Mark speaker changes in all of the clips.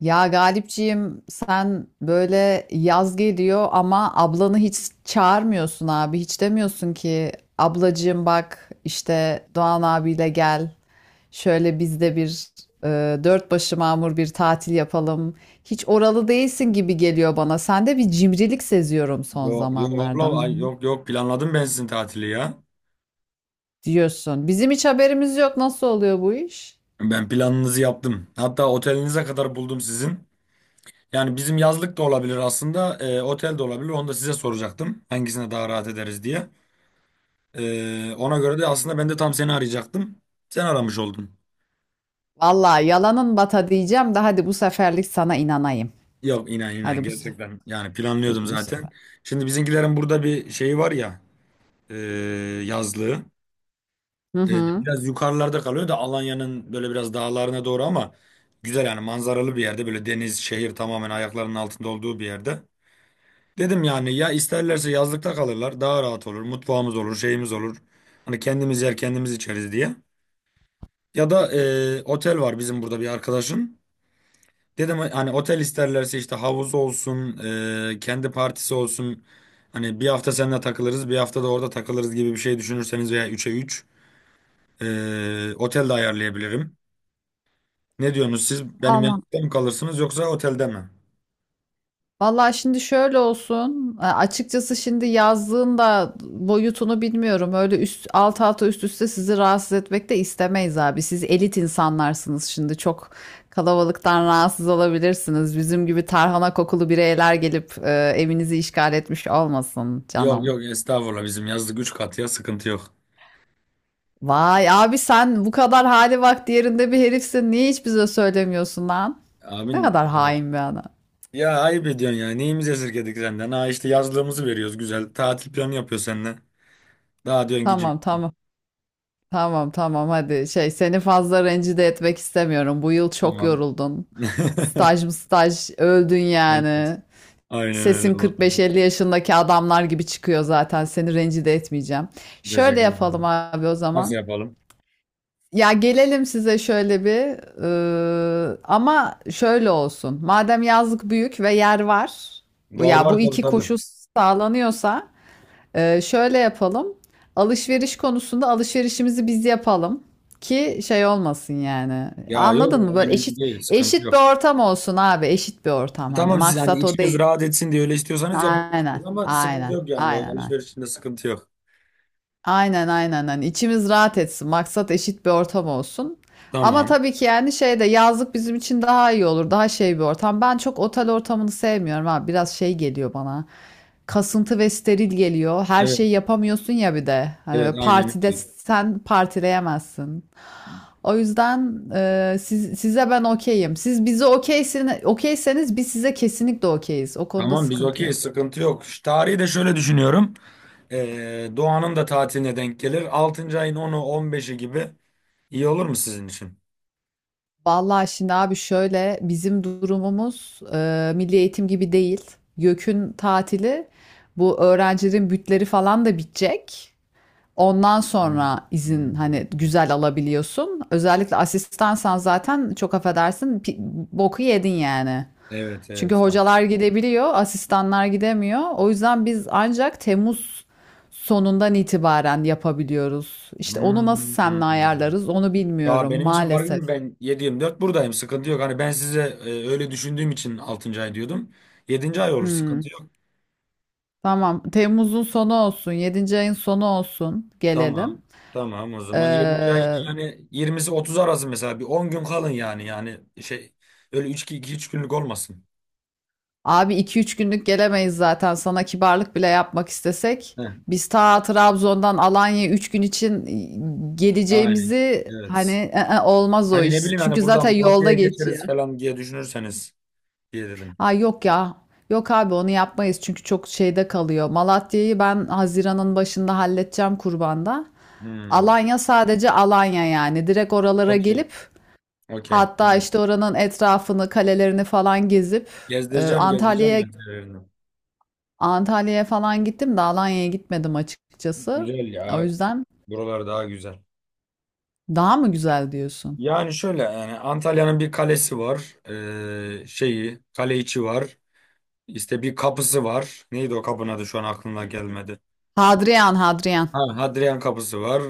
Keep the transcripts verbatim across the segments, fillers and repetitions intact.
Speaker 1: Ya Galipciğim sen böyle yaz geliyor ama ablanı hiç çağırmıyorsun abi. Hiç demiyorsun ki ablacığım bak işte Doğan abiyle gel. Şöyle biz de bir e, dört başı mamur bir tatil yapalım. Hiç oralı değilsin gibi geliyor bana. Sende bir cimrilik seziyorum son
Speaker 2: Yok yok abla,
Speaker 1: zamanlardan
Speaker 2: ay- yok yok planladım ben sizin tatili ya.
Speaker 1: diyorsun. Bizim hiç haberimiz yok. Nasıl oluyor bu iş?
Speaker 2: Ben planınızı yaptım. Hatta otelinize kadar buldum sizin. Yani bizim yazlık da olabilir aslında, e, otel de olabilir. Onu da size soracaktım. Hangisine daha rahat ederiz diye. E, ona
Speaker 1: Vallahi
Speaker 2: göre de aslında ben de tam seni arayacaktım. Sen aramış oldun.
Speaker 1: Vallahi yalanın bata diyeceğim de hadi bu seferlik sana inanayım.
Speaker 2: Yok, inan inan
Speaker 1: Hadi bu sefer.
Speaker 2: gerçekten. Yani planlıyordum
Speaker 1: Bu, bu
Speaker 2: zaten.
Speaker 1: sefer.
Speaker 2: Şimdi bizimkilerin burada bir şeyi var ya, e, yazlığı.
Speaker 1: Hı
Speaker 2: Ee,
Speaker 1: hı.
Speaker 2: biraz yukarılarda kalıyor da, Alanya'nın böyle biraz dağlarına doğru, ama güzel yani, manzaralı bir yerde, böyle deniz, şehir tamamen ayaklarının altında olduğu bir yerde. Dedim yani, ya isterlerse yazlıkta kalırlar, daha rahat olur, mutfağımız olur, şeyimiz olur, hani kendimiz yer kendimiz içeriz diye. Ya da e, otel var bizim burada bir arkadaşın. Dedim hani, otel isterlerse işte havuz olsun, e, kendi partisi olsun, hani bir hafta seninle takılırız bir hafta da orada takılırız gibi bir şey düşünürseniz, veya üçe üç e, otel de ayarlayabilirim. Ne diyorsunuz, siz benim
Speaker 1: Vallahi,
Speaker 2: yanımda mı kalırsınız yoksa otelde mi?
Speaker 1: vallahi şimdi şöyle olsun. e, Açıkçası şimdi yazdığın da boyutunu bilmiyorum. Öyle üst alt alta üst üste sizi rahatsız etmek de istemeyiz abi. Siz elit insanlarsınız şimdi. Çok kalabalıktan rahatsız olabilirsiniz. Bizim gibi tarhana kokulu bireyler gelip e, evinizi işgal etmiş olmasın
Speaker 2: Yok
Speaker 1: canım.
Speaker 2: yok, estağfurullah, bizim yazlık üç kat ya, sıkıntı yok.
Speaker 1: Vay abi sen bu kadar hali vakti yerinde bir herifsin. Niye hiç bize söylemiyorsun lan?
Speaker 2: Abin,
Speaker 1: Ne kadar hain bir adam.
Speaker 2: e, ya ayıp ediyorsun ya, neyimizi esirgedik senden, ha, işte yazlığımızı veriyoruz, güzel tatil planı yapıyor seninle. Daha diyorsun ki
Speaker 1: Tamam tamam. Tamam tamam hadi şey seni fazla rencide etmek istemiyorum. Bu yıl çok
Speaker 2: tamam.
Speaker 1: yoruldun. Staj mı staj öldün
Speaker 2: Evet.
Speaker 1: yani.
Speaker 2: Aynen öyle
Speaker 1: Sesin
Speaker 2: vallahi.
Speaker 1: kırk beş elli yaşındaki adamlar gibi çıkıyor zaten. Seni rencide etmeyeceğim. Şöyle
Speaker 2: Teşekkür
Speaker 1: yapalım
Speaker 2: ederim.
Speaker 1: abi o
Speaker 2: Nasıl
Speaker 1: zaman.
Speaker 2: yapalım?
Speaker 1: Ya gelelim size şöyle bir ıı, ama şöyle olsun. Madem yazlık büyük ve yer var. Bu
Speaker 2: Var
Speaker 1: ya
Speaker 2: var,
Speaker 1: bu
Speaker 2: tabii
Speaker 1: iki
Speaker 2: tabii.
Speaker 1: koşul sağlanıyorsa ee, şöyle yapalım. Alışveriş konusunda alışverişimizi biz yapalım ki şey olmasın yani.
Speaker 2: Ya yok,
Speaker 1: Anladın mı? Böyle eşit
Speaker 2: önemli değil, sıkıntı
Speaker 1: eşit bir
Speaker 2: yok.
Speaker 1: ortam olsun abi. Eşit bir ortam hani.
Speaker 2: Tamam, siz hani
Speaker 1: Maksat o
Speaker 2: içiniz
Speaker 1: değil.
Speaker 2: rahat etsin diye öyle istiyorsanız
Speaker 1: Aynen.
Speaker 2: yapabilirsiniz, ama sıkıntı
Speaker 1: Aynen.
Speaker 2: yok yani, o
Speaker 1: Aynen. Aynen.
Speaker 2: alışverişinde sıkıntı yok.
Speaker 1: Aynen, aynen, aynen. İçimiz rahat etsin. Maksat eşit bir ortam olsun. Ama
Speaker 2: Tamam.
Speaker 1: tabii ki yani şey de yazlık bizim için daha iyi olur. Daha şey bir ortam. Ben çok otel ortamını sevmiyorum abi. Biraz şey geliyor bana, kasıntı ve steril geliyor. Her
Speaker 2: Evet.
Speaker 1: şeyi yapamıyorsun ya bir de. Hani
Speaker 2: Evet,
Speaker 1: böyle
Speaker 2: aynen
Speaker 1: partide
Speaker 2: öyle.
Speaker 1: sen partileyemezsin. O yüzden e, siz, size ben okeyim. Siz bize okeysin, okeyseniz biz size kesinlikle okeyiz. O konuda
Speaker 2: Tamam, biz
Speaker 1: sıkıntı
Speaker 2: okeyiz,
Speaker 1: yok.
Speaker 2: sıkıntı yok. Şu tarihi de şöyle düşünüyorum. Ee, Doğan'ın da tatiline denk gelir. altıncı ayın onu on beşi gibi iyi olur mu sizin için?
Speaker 1: Vallahi şimdi abi şöyle bizim durumumuz e, milli eğitim gibi değil. YÖK'ün tatili, bu öğrencilerin bütleri falan da bitecek. Ondan
Speaker 2: Hmm,
Speaker 1: sonra
Speaker 2: hmm,
Speaker 1: izin hani
Speaker 2: hmm.
Speaker 1: güzel alabiliyorsun. Özellikle asistansan zaten çok affedersin pi- boku yedin yani.
Speaker 2: Evet
Speaker 1: Çünkü
Speaker 2: evet.
Speaker 1: hocalar gidebiliyor, asistanlar gidemiyor. O yüzden biz ancak Temmuz sonundan itibaren yapabiliyoruz. İşte onu nasıl
Speaker 2: Hmm, hmm,
Speaker 1: seninle
Speaker 2: hmm.
Speaker 1: ayarlarız onu
Speaker 2: Ya
Speaker 1: bilmiyorum
Speaker 2: benim için fark
Speaker 1: maalesef.
Speaker 2: etmiyor. Ben yedi yirmi dört buradayım, sıkıntı yok. Hani ben size e, öyle düşündüğüm için altıncı ay diyordum. Yedinci ay olur,
Speaker 1: Hmm,
Speaker 2: sıkıntı yok.
Speaker 1: tamam. Temmuz'un sonu olsun, yedinci ayın sonu olsun gelelim.
Speaker 2: Tamam. Tamam, o zaman yedinci ayın
Speaker 1: Ee,
Speaker 2: yani yirmisi otuz arası, mesela bir on gün kalın, yani yani şey, öyle üç iki üç günlük olmasın.
Speaker 1: Abi iki üç günlük gelemeyiz zaten. Sana kibarlık bile yapmak istesek.
Speaker 2: Heh,
Speaker 1: Biz ta Trabzon'dan Alanya'ya üç gün için
Speaker 2: aynen.
Speaker 1: geleceğimizi hani
Speaker 2: Evet.
Speaker 1: "Ee, olmaz o
Speaker 2: Hani
Speaker 1: iş.
Speaker 2: ne bileyim, hani
Speaker 1: Çünkü
Speaker 2: buradan
Speaker 1: zaten yolda
Speaker 2: Malatya'ya
Speaker 1: geçiyor.
Speaker 2: geçeriz falan diye düşünürseniz diye dedim.
Speaker 1: Ha yok ya. Yok abi onu yapmayız çünkü çok şeyde kalıyor. Malatya'yı ben Haziran'ın başında halledeceğim kurbanda.
Speaker 2: Hmm.
Speaker 1: Alanya sadece Alanya yani. Direkt oralara
Speaker 2: Okey.
Speaker 1: gelip
Speaker 2: Okey.
Speaker 1: hatta
Speaker 2: Hmm.
Speaker 1: işte oranın etrafını, kalelerini falan gezip e,
Speaker 2: Gezdireceğim, gezdireceğim
Speaker 1: Antalya'ya
Speaker 2: ben yerlerini.
Speaker 1: Antalya'ya falan gittim de Alanya'ya gitmedim açıkçası.
Speaker 2: Güzel
Speaker 1: O
Speaker 2: ya.
Speaker 1: yüzden
Speaker 2: Buralar daha güzel.
Speaker 1: daha mı güzel diyorsun?
Speaker 2: Yani şöyle yani, Antalya'nın bir kalesi var. Ee, şeyi, kale içi var. İşte bir kapısı var. Neydi o kapının adı, şu an aklımda gelmedi.
Speaker 1: Hadrian, Hadrian.
Speaker 2: Ha, Hadrian Kapısı var.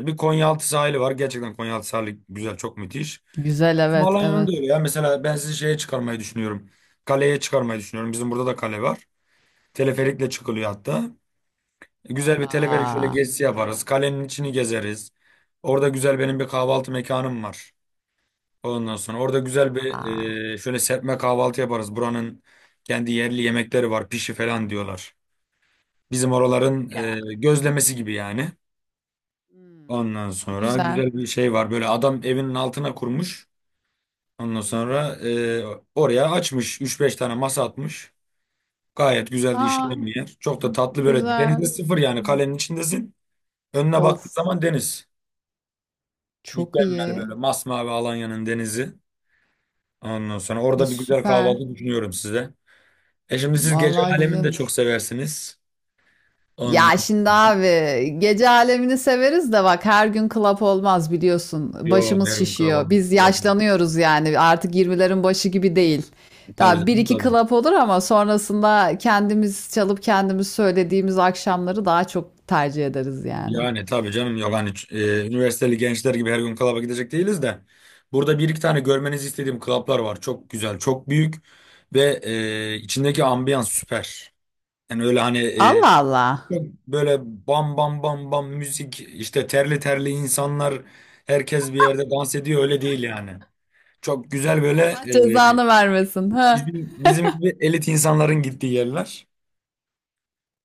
Speaker 2: Ee, bir Konyaaltı sahili var. Gerçekten Konyaaltı sahili güzel, çok müthiş.
Speaker 1: Güzel,
Speaker 2: Bizim
Speaker 1: evet,
Speaker 2: Alanya'nın da
Speaker 1: evet.
Speaker 2: öyle ya. Mesela ben sizi şeye çıkarmayı düşünüyorum. Kaleye çıkarmayı düşünüyorum. Bizim burada da kale var. Teleferikle çıkılıyor hatta. Güzel bir teleferik şöyle
Speaker 1: Vaa,
Speaker 2: gezisi yaparız. Kalenin içini gezeriz. Orada güzel benim bir kahvaltı mekanım var. Ondan sonra orada güzel bir
Speaker 1: vaa.
Speaker 2: e, şöyle serpme kahvaltı yaparız. Buranın kendi yerli yemekleri var. Pişi falan diyorlar. Bizim oraların
Speaker 1: Ya.
Speaker 2: e, gözlemesi gibi yani.
Speaker 1: Hmm,
Speaker 2: Ondan sonra
Speaker 1: güzel.
Speaker 2: güzel bir şey var. Böyle adam evinin altına kurmuş. Ondan
Speaker 1: Hı hı.
Speaker 2: sonra e, oraya açmış. Üç beş tane masa atmış. Gayet güzel de
Speaker 1: Aa,
Speaker 2: işleyen bir yer. Çok da tatlı böyle.
Speaker 1: güzel.
Speaker 2: Denizde sıfır
Speaker 1: Hı.
Speaker 2: yani, kalenin içindesin. Önüne baktığın
Speaker 1: Of,
Speaker 2: zaman deniz.
Speaker 1: çok
Speaker 2: Mükemmel,
Speaker 1: iyi.
Speaker 2: böyle masmavi Alanya'nın denizi. Ondan sonra
Speaker 1: E,
Speaker 2: orada bir güzel
Speaker 1: süper.
Speaker 2: kahvaltı düşünüyorum size. E şimdi siz gece
Speaker 1: Vallahi güzel
Speaker 2: alemini de çok
Speaker 1: olur.
Speaker 2: seversiniz.
Speaker 1: Ya
Speaker 2: Ondan
Speaker 1: şimdi
Speaker 2: sonra.
Speaker 1: abi gece alemini severiz de bak her gün club olmaz biliyorsun.
Speaker 2: Yo,
Speaker 1: Başımız
Speaker 2: her gün
Speaker 1: şişiyor.
Speaker 2: kahvaltı.
Speaker 1: Biz
Speaker 2: Yok.
Speaker 1: yaşlanıyoruz yani artık yirmilerin başı gibi değil.
Speaker 2: Tabii
Speaker 1: Tabii bir
Speaker 2: canım
Speaker 1: iki
Speaker 2: tabii.
Speaker 1: club olur ama sonrasında kendimiz çalıp kendimiz söylediğimiz akşamları daha çok tercih ederiz yani.
Speaker 2: Yani tabii canım, yok hani e, üniversiteli gençler gibi her gün klaba gidecek değiliz de, burada bir iki tane görmenizi istediğim klaplar var. Çok güzel, çok büyük ve e, içindeki ambiyans süper. Yani öyle hani, e,
Speaker 1: Allah Allah.
Speaker 2: çok böyle bam bam bam bam müzik, işte terli terli insanlar herkes bir yerde dans ediyor, öyle değil yani. Çok güzel böyle,
Speaker 1: Allah
Speaker 2: e,
Speaker 1: cezanı vermesin. Ha.
Speaker 2: bizim bizim gibi elit insanların gittiği yerler.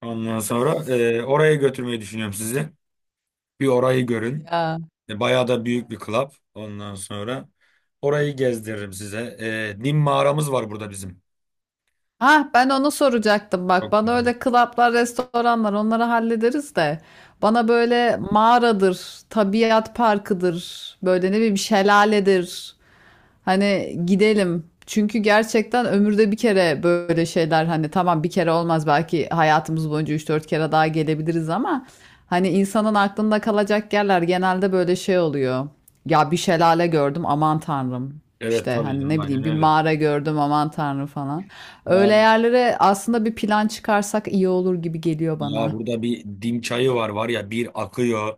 Speaker 2: Ondan sonra e, oraya götürmeyi düşünüyorum sizi. Bir orayı görün.
Speaker 1: Ya.
Speaker 2: E, Bayağı da büyük bir club. Ondan sonra orayı gezdiririm size. E, Nim mağaramız var burada bizim.
Speaker 1: Ha ben onu soracaktım, bak
Speaker 2: Çok
Speaker 1: bana
Speaker 2: güzel.
Speaker 1: öyle klaplar, restoranlar onları hallederiz de bana böyle mağaradır, tabiat parkıdır, böyle ne bileyim şelaledir, hani gidelim. Çünkü gerçekten ömürde bir kere böyle şeyler, hani tamam bir kere olmaz belki, hayatımız boyunca üç dört kere daha gelebiliriz ama hani insanın aklında kalacak yerler genelde böyle şey oluyor. Ya bir şelale gördüm aman tanrım.
Speaker 2: Evet,
Speaker 1: İşte
Speaker 2: tabii
Speaker 1: hani
Speaker 2: canım,
Speaker 1: ne
Speaker 2: aynen
Speaker 1: bileyim bir
Speaker 2: öyle.
Speaker 1: mağara gördüm aman tanrım falan. Öyle
Speaker 2: Var
Speaker 1: yerlere aslında bir plan çıkarsak iyi olur gibi geliyor
Speaker 2: ya,
Speaker 1: bana.
Speaker 2: burada bir dim çayı var, var ya, bir akıyor.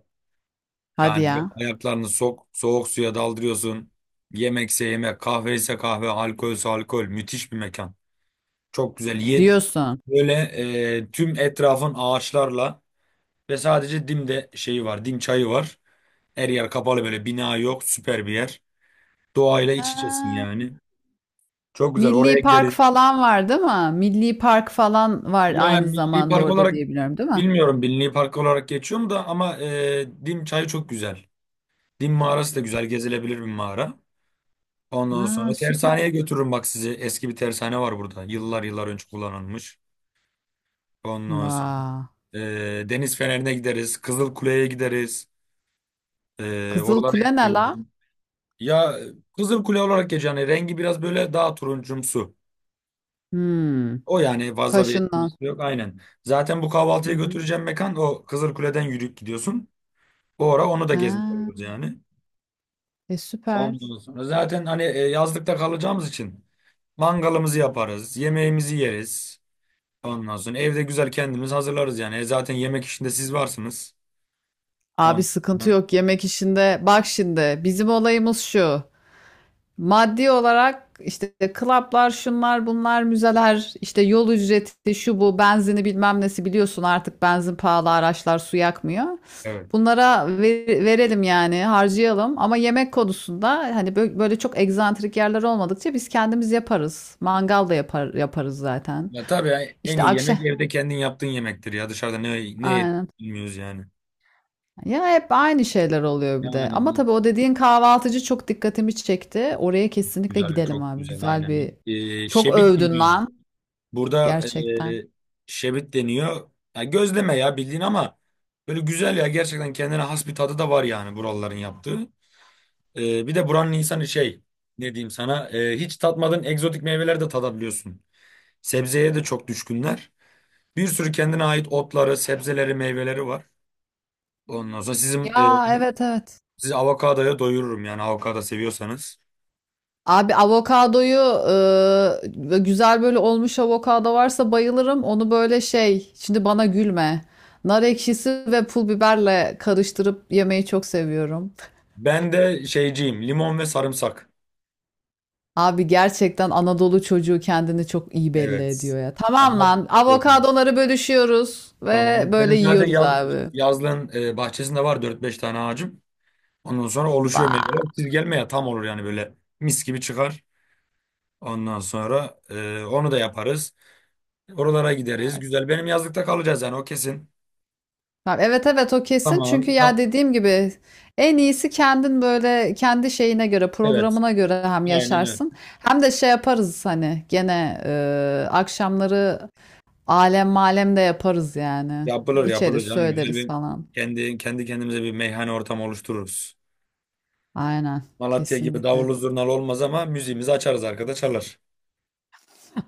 Speaker 1: Hadi
Speaker 2: Yani böyle
Speaker 1: ya.
Speaker 2: ayaklarını sok, soğuk suya daldırıyorsun. Yemekse yemek, kahve ise kahve, alkolse alkol. Müthiş bir mekan. Çok güzel. Ye
Speaker 1: Diyorsun.
Speaker 2: böyle e, tüm etrafın ağaçlarla, ve sadece dimde şeyi var. Dim çayı var. Her yer kapalı, böyle bina yok. Süper bir yer. Doğayla iç içesin
Speaker 1: Ha.
Speaker 2: yani. Çok güzel, oraya
Speaker 1: Milli park
Speaker 2: gideriz.
Speaker 1: falan var değil mi? Milli park falan var
Speaker 2: Ya,
Speaker 1: aynı
Speaker 2: milli
Speaker 1: zamanda
Speaker 2: park
Speaker 1: orada
Speaker 2: olarak
Speaker 1: diye, değil mi?
Speaker 2: bilmiyorum milli park olarak geçiyor mu da, ama e, Dim Çayı çok güzel. Dim mağarası da güzel, gezilebilir bir mağara. Ondan
Speaker 1: Ha,
Speaker 2: sonra
Speaker 1: süper.
Speaker 2: tersaneye götürürüm bak sizi. Eski bir tersane var burada. Yıllar yıllar önce kullanılmış. Ondan sonra
Speaker 1: Vay.
Speaker 2: e, Deniz Feneri'ne gideriz. Kızıl Kule'ye gideriz. E,
Speaker 1: Kızıl
Speaker 2: oralara
Speaker 1: Kule
Speaker 2: hep
Speaker 1: ne la?
Speaker 2: gezdim. Ya, Kızıl Kule olarak geçiyor. Yani rengi biraz böyle daha turuncumsu.
Speaker 1: Hmm.
Speaker 2: O yani, fazla bir
Speaker 1: Taşından.
Speaker 2: etkisi yok, aynen. Zaten bu
Speaker 1: Hı
Speaker 2: kahvaltıya
Speaker 1: hı.
Speaker 2: götüreceğim mekan, o Kızılkule'den yürüyüp gidiyorsun. Bu ara onu da gezmiş
Speaker 1: Ha,
Speaker 2: oluruz yani.
Speaker 1: e süper.
Speaker 2: Ondan sonra zaten, hani e, yazlıkta kalacağımız için mangalımızı yaparız, yemeğimizi yeriz. Ondan sonra evde güzel kendimiz hazırlarız yani. E, zaten yemek işinde siz varsınız.
Speaker 1: Abi
Speaker 2: Ondan
Speaker 1: sıkıntı
Speaker 2: sonra,
Speaker 1: yok yemek işinde. Bak şimdi bizim olayımız şu. Maddi olarak işte klaplar, şunlar, bunlar, müzeler, işte yol ücreti, şu bu, benzini bilmem nesi, biliyorsun artık benzin pahalı, araçlar su yakmıyor.
Speaker 2: evet.
Speaker 1: Bunlara ver- verelim yani, harcayalım ama yemek konusunda hani bö- böyle çok egzantrik yerler olmadıkça biz kendimiz yaparız. Mangal da yapar, yaparız zaten.
Speaker 2: Ya tabii ya, en
Speaker 1: İşte
Speaker 2: iyi
Speaker 1: akşam,
Speaker 2: yemek evde kendin yaptığın yemektir ya. Dışarıda ne ne yediğimizi
Speaker 1: aynen.
Speaker 2: bilmiyoruz yani.
Speaker 1: Ya hep aynı şeyler oluyor bir de.
Speaker 2: Yani
Speaker 1: Ama
Speaker 2: bir-
Speaker 1: tabii o dediğin kahvaltıcı çok dikkatimi çekti. Oraya kesinlikle
Speaker 2: güzel,
Speaker 1: gidelim
Speaker 2: çok
Speaker 1: abi.
Speaker 2: güzel,
Speaker 1: Güzel bir
Speaker 2: aynen. E,
Speaker 1: çok
Speaker 2: şebit
Speaker 1: övdün
Speaker 2: bilmiyor.
Speaker 1: lan.
Speaker 2: Burada e,
Speaker 1: Gerçekten.
Speaker 2: şebit deniyor. Ya gözleme ya, bildiğin, ama böyle güzel ya, gerçekten kendine has bir tadı da var yani buraların yaptığı. E, bir de buranın insanı, şey, ne diyeyim sana, e, hiç tatmadığın egzotik meyveler de tadabiliyorsun. Sebzeye de çok düşkünler. Bir sürü kendine ait otları, sebzeleri, meyveleri var. Ondan sonra
Speaker 1: Hmm,
Speaker 2: sizin e,
Speaker 1: ya evet evet.
Speaker 2: sizi avokadoya doyururum yani, avokado seviyorsanız.
Speaker 1: Abi avokadoyu e, güzel böyle olmuş avokado varsa bayılırım. Onu böyle şey, şimdi bana gülme. Nar ekşisi ve pul biberle karıştırıp yemeyi çok seviyorum.
Speaker 2: Ben de şeyciyim, limon ve sarımsak.
Speaker 1: Abi gerçekten Anadolu çocuğu kendini çok iyi belli
Speaker 2: Evet.
Speaker 1: ediyor ya. Tamam
Speaker 2: Ama
Speaker 1: lan, avokadoları bölüşüyoruz ve
Speaker 2: tamam.
Speaker 1: böyle
Speaker 2: Benim zaten
Speaker 1: yiyoruz
Speaker 2: yaz,
Speaker 1: abi.
Speaker 2: yazlığın e, bahçesinde var dört beş tane ağacım. Ondan sonra oluşuyor meyveler.
Speaker 1: Vay,
Speaker 2: Siz gelmeye tam olur yani, böyle mis gibi çıkar. Ondan sonra e, onu da yaparız. Oralara gideriz.
Speaker 1: süper.
Speaker 2: Güzel. Benim yazlıkta kalacağız yani, o kesin.
Speaker 1: Tamam, evet evet o kesin çünkü
Speaker 2: Tamam.
Speaker 1: ya
Speaker 2: Da,
Speaker 1: dediğim gibi en iyisi kendin böyle kendi şeyine göre,
Speaker 2: evet.
Speaker 1: programına göre hem
Speaker 2: Aynen öyle.
Speaker 1: yaşarsın hem de şey yaparız hani gene e, akşamları alem malem de yaparız yani,
Speaker 2: Yapılır
Speaker 1: içeriz
Speaker 2: yapılır canım. Güzel
Speaker 1: söyleriz
Speaker 2: bir
Speaker 1: falan,
Speaker 2: kendi kendi kendimize bir meyhane ortamı oluştururuz.
Speaker 1: aynen,
Speaker 2: Malatya gibi
Speaker 1: kesinlikle.
Speaker 2: davullu zurnalı olmaz, ama müziğimizi açarız arkada çalar.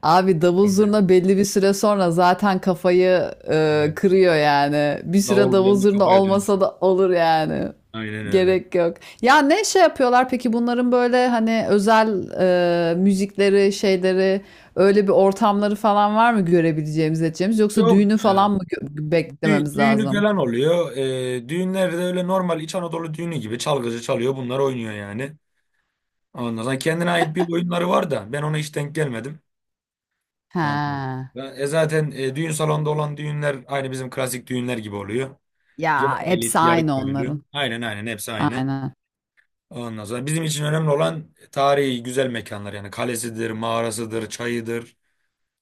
Speaker 1: Abi davul
Speaker 2: Olur yani.
Speaker 1: zurna belli bir süre sonra zaten kafayı e,
Speaker 2: Evet.
Speaker 1: kırıyor yani. Bir süre
Speaker 2: Davul bir
Speaker 1: davul
Speaker 2: anda
Speaker 1: zurna
Speaker 2: kafaya
Speaker 1: olmasa
Speaker 2: dönüşür.
Speaker 1: da olur yani.
Speaker 2: Aynen öyle.
Speaker 1: Gerek yok. Ya ne şey yapıyorlar peki bunların, böyle hani özel e, müzikleri, şeyleri, öyle bir ortamları falan var mı görebileceğimiz, edeceğimiz, yoksa
Speaker 2: Yok
Speaker 1: düğünü
Speaker 2: ya.
Speaker 1: falan mı gö-
Speaker 2: Dü-
Speaker 1: beklememiz
Speaker 2: düğünü
Speaker 1: lazım?
Speaker 2: falan oluyor. Ee, düğünlerde öyle normal İç Anadolu düğünü gibi çalgıcı çalıyor. Bunlar oynuyor yani. Ondan sonra kendine ait bir oyunları var da ben ona hiç denk gelmedim. Ondan
Speaker 1: He.
Speaker 2: sonra- E Zaten e, düğün salonunda olan düğünler aynı bizim klasik düğünler gibi oluyor. Yarı
Speaker 1: Ya
Speaker 2: elit,
Speaker 1: hepsi
Speaker 2: yarı
Speaker 1: aynı onların.
Speaker 2: köylü. Aynen aynen hepsi aynı.
Speaker 1: Aynen.
Speaker 2: Ondan sonra bizim için önemli olan tarihi güzel mekanlar yani, kalesidir, mağarasıdır, çayıdır.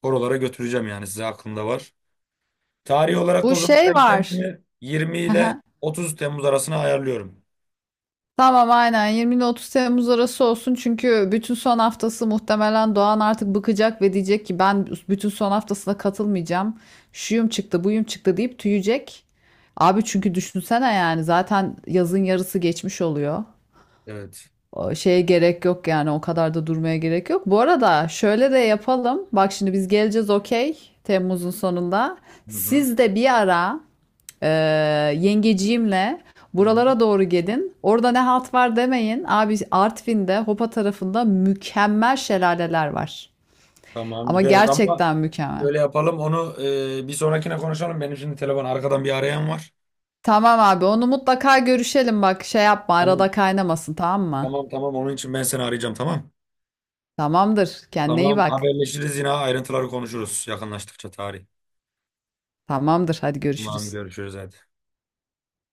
Speaker 2: Oralara götüreceğim yani size, aklımda var. Tarihi olarak da
Speaker 1: Bu
Speaker 2: o zaman
Speaker 1: şey
Speaker 2: ben
Speaker 1: var.
Speaker 2: kendimi yirmi ile otuz Temmuz arasına ayarlıyorum.
Speaker 1: Tamam aynen yirmi ile otuz Temmuz arası olsun çünkü bütün son haftası muhtemelen Doğan artık bıkacak ve diyecek ki ben bütün son haftasına katılmayacağım. Şuyum çıktı, buyum çıktı deyip tüyecek. Abi çünkü düşünsene yani zaten yazın yarısı geçmiş oluyor.
Speaker 2: Evet.
Speaker 1: O şeye gerek yok yani, o kadar da durmaya gerek yok. Bu arada şöyle de yapalım. Bak şimdi biz geleceğiz okey, Temmuz'un sonunda.
Speaker 2: Hı hı.
Speaker 1: Siz de bir ara ee, yengeciğimle
Speaker 2: Hı hı.
Speaker 1: buralara doğru gelin. Orada ne halt var demeyin. Abi Artvin'de Hopa tarafında mükemmel şelaleler var.
Speaker 2: Tamam
Speaker 1: Ama
Speaker 2: gideriz, ama
Speaker 1: gerçekten mükemmel.
Speaker 2: şöyle yapalım onu, e, bir sonrakine konuşalım. Benim şimdi telefon, arkadan bir arayan var.
Speaker 1: Tamam abi onu mutlaka görüşelim, bak şey yapma,
Speaker 2: Tamam
Speaker 1: arada kaynamasın, tamam mı?
Speaker 2: tamam tamam, onun için ben seni arayacağım, tamam.
Speaker 1: Tamamdır, kendine iyi
Speaker 2: Tamam,
Speaker 1: bak.
Speaker 2: haberleşiriz yine, ayrıntıları konuşuruz yakınlaştıkça tarih.
Speaker 1: Tamamdır, hadi
Speaker 2: Tamam,
Speaker 1: görüşürüz.
Speaker 2: görüşürüz hadi.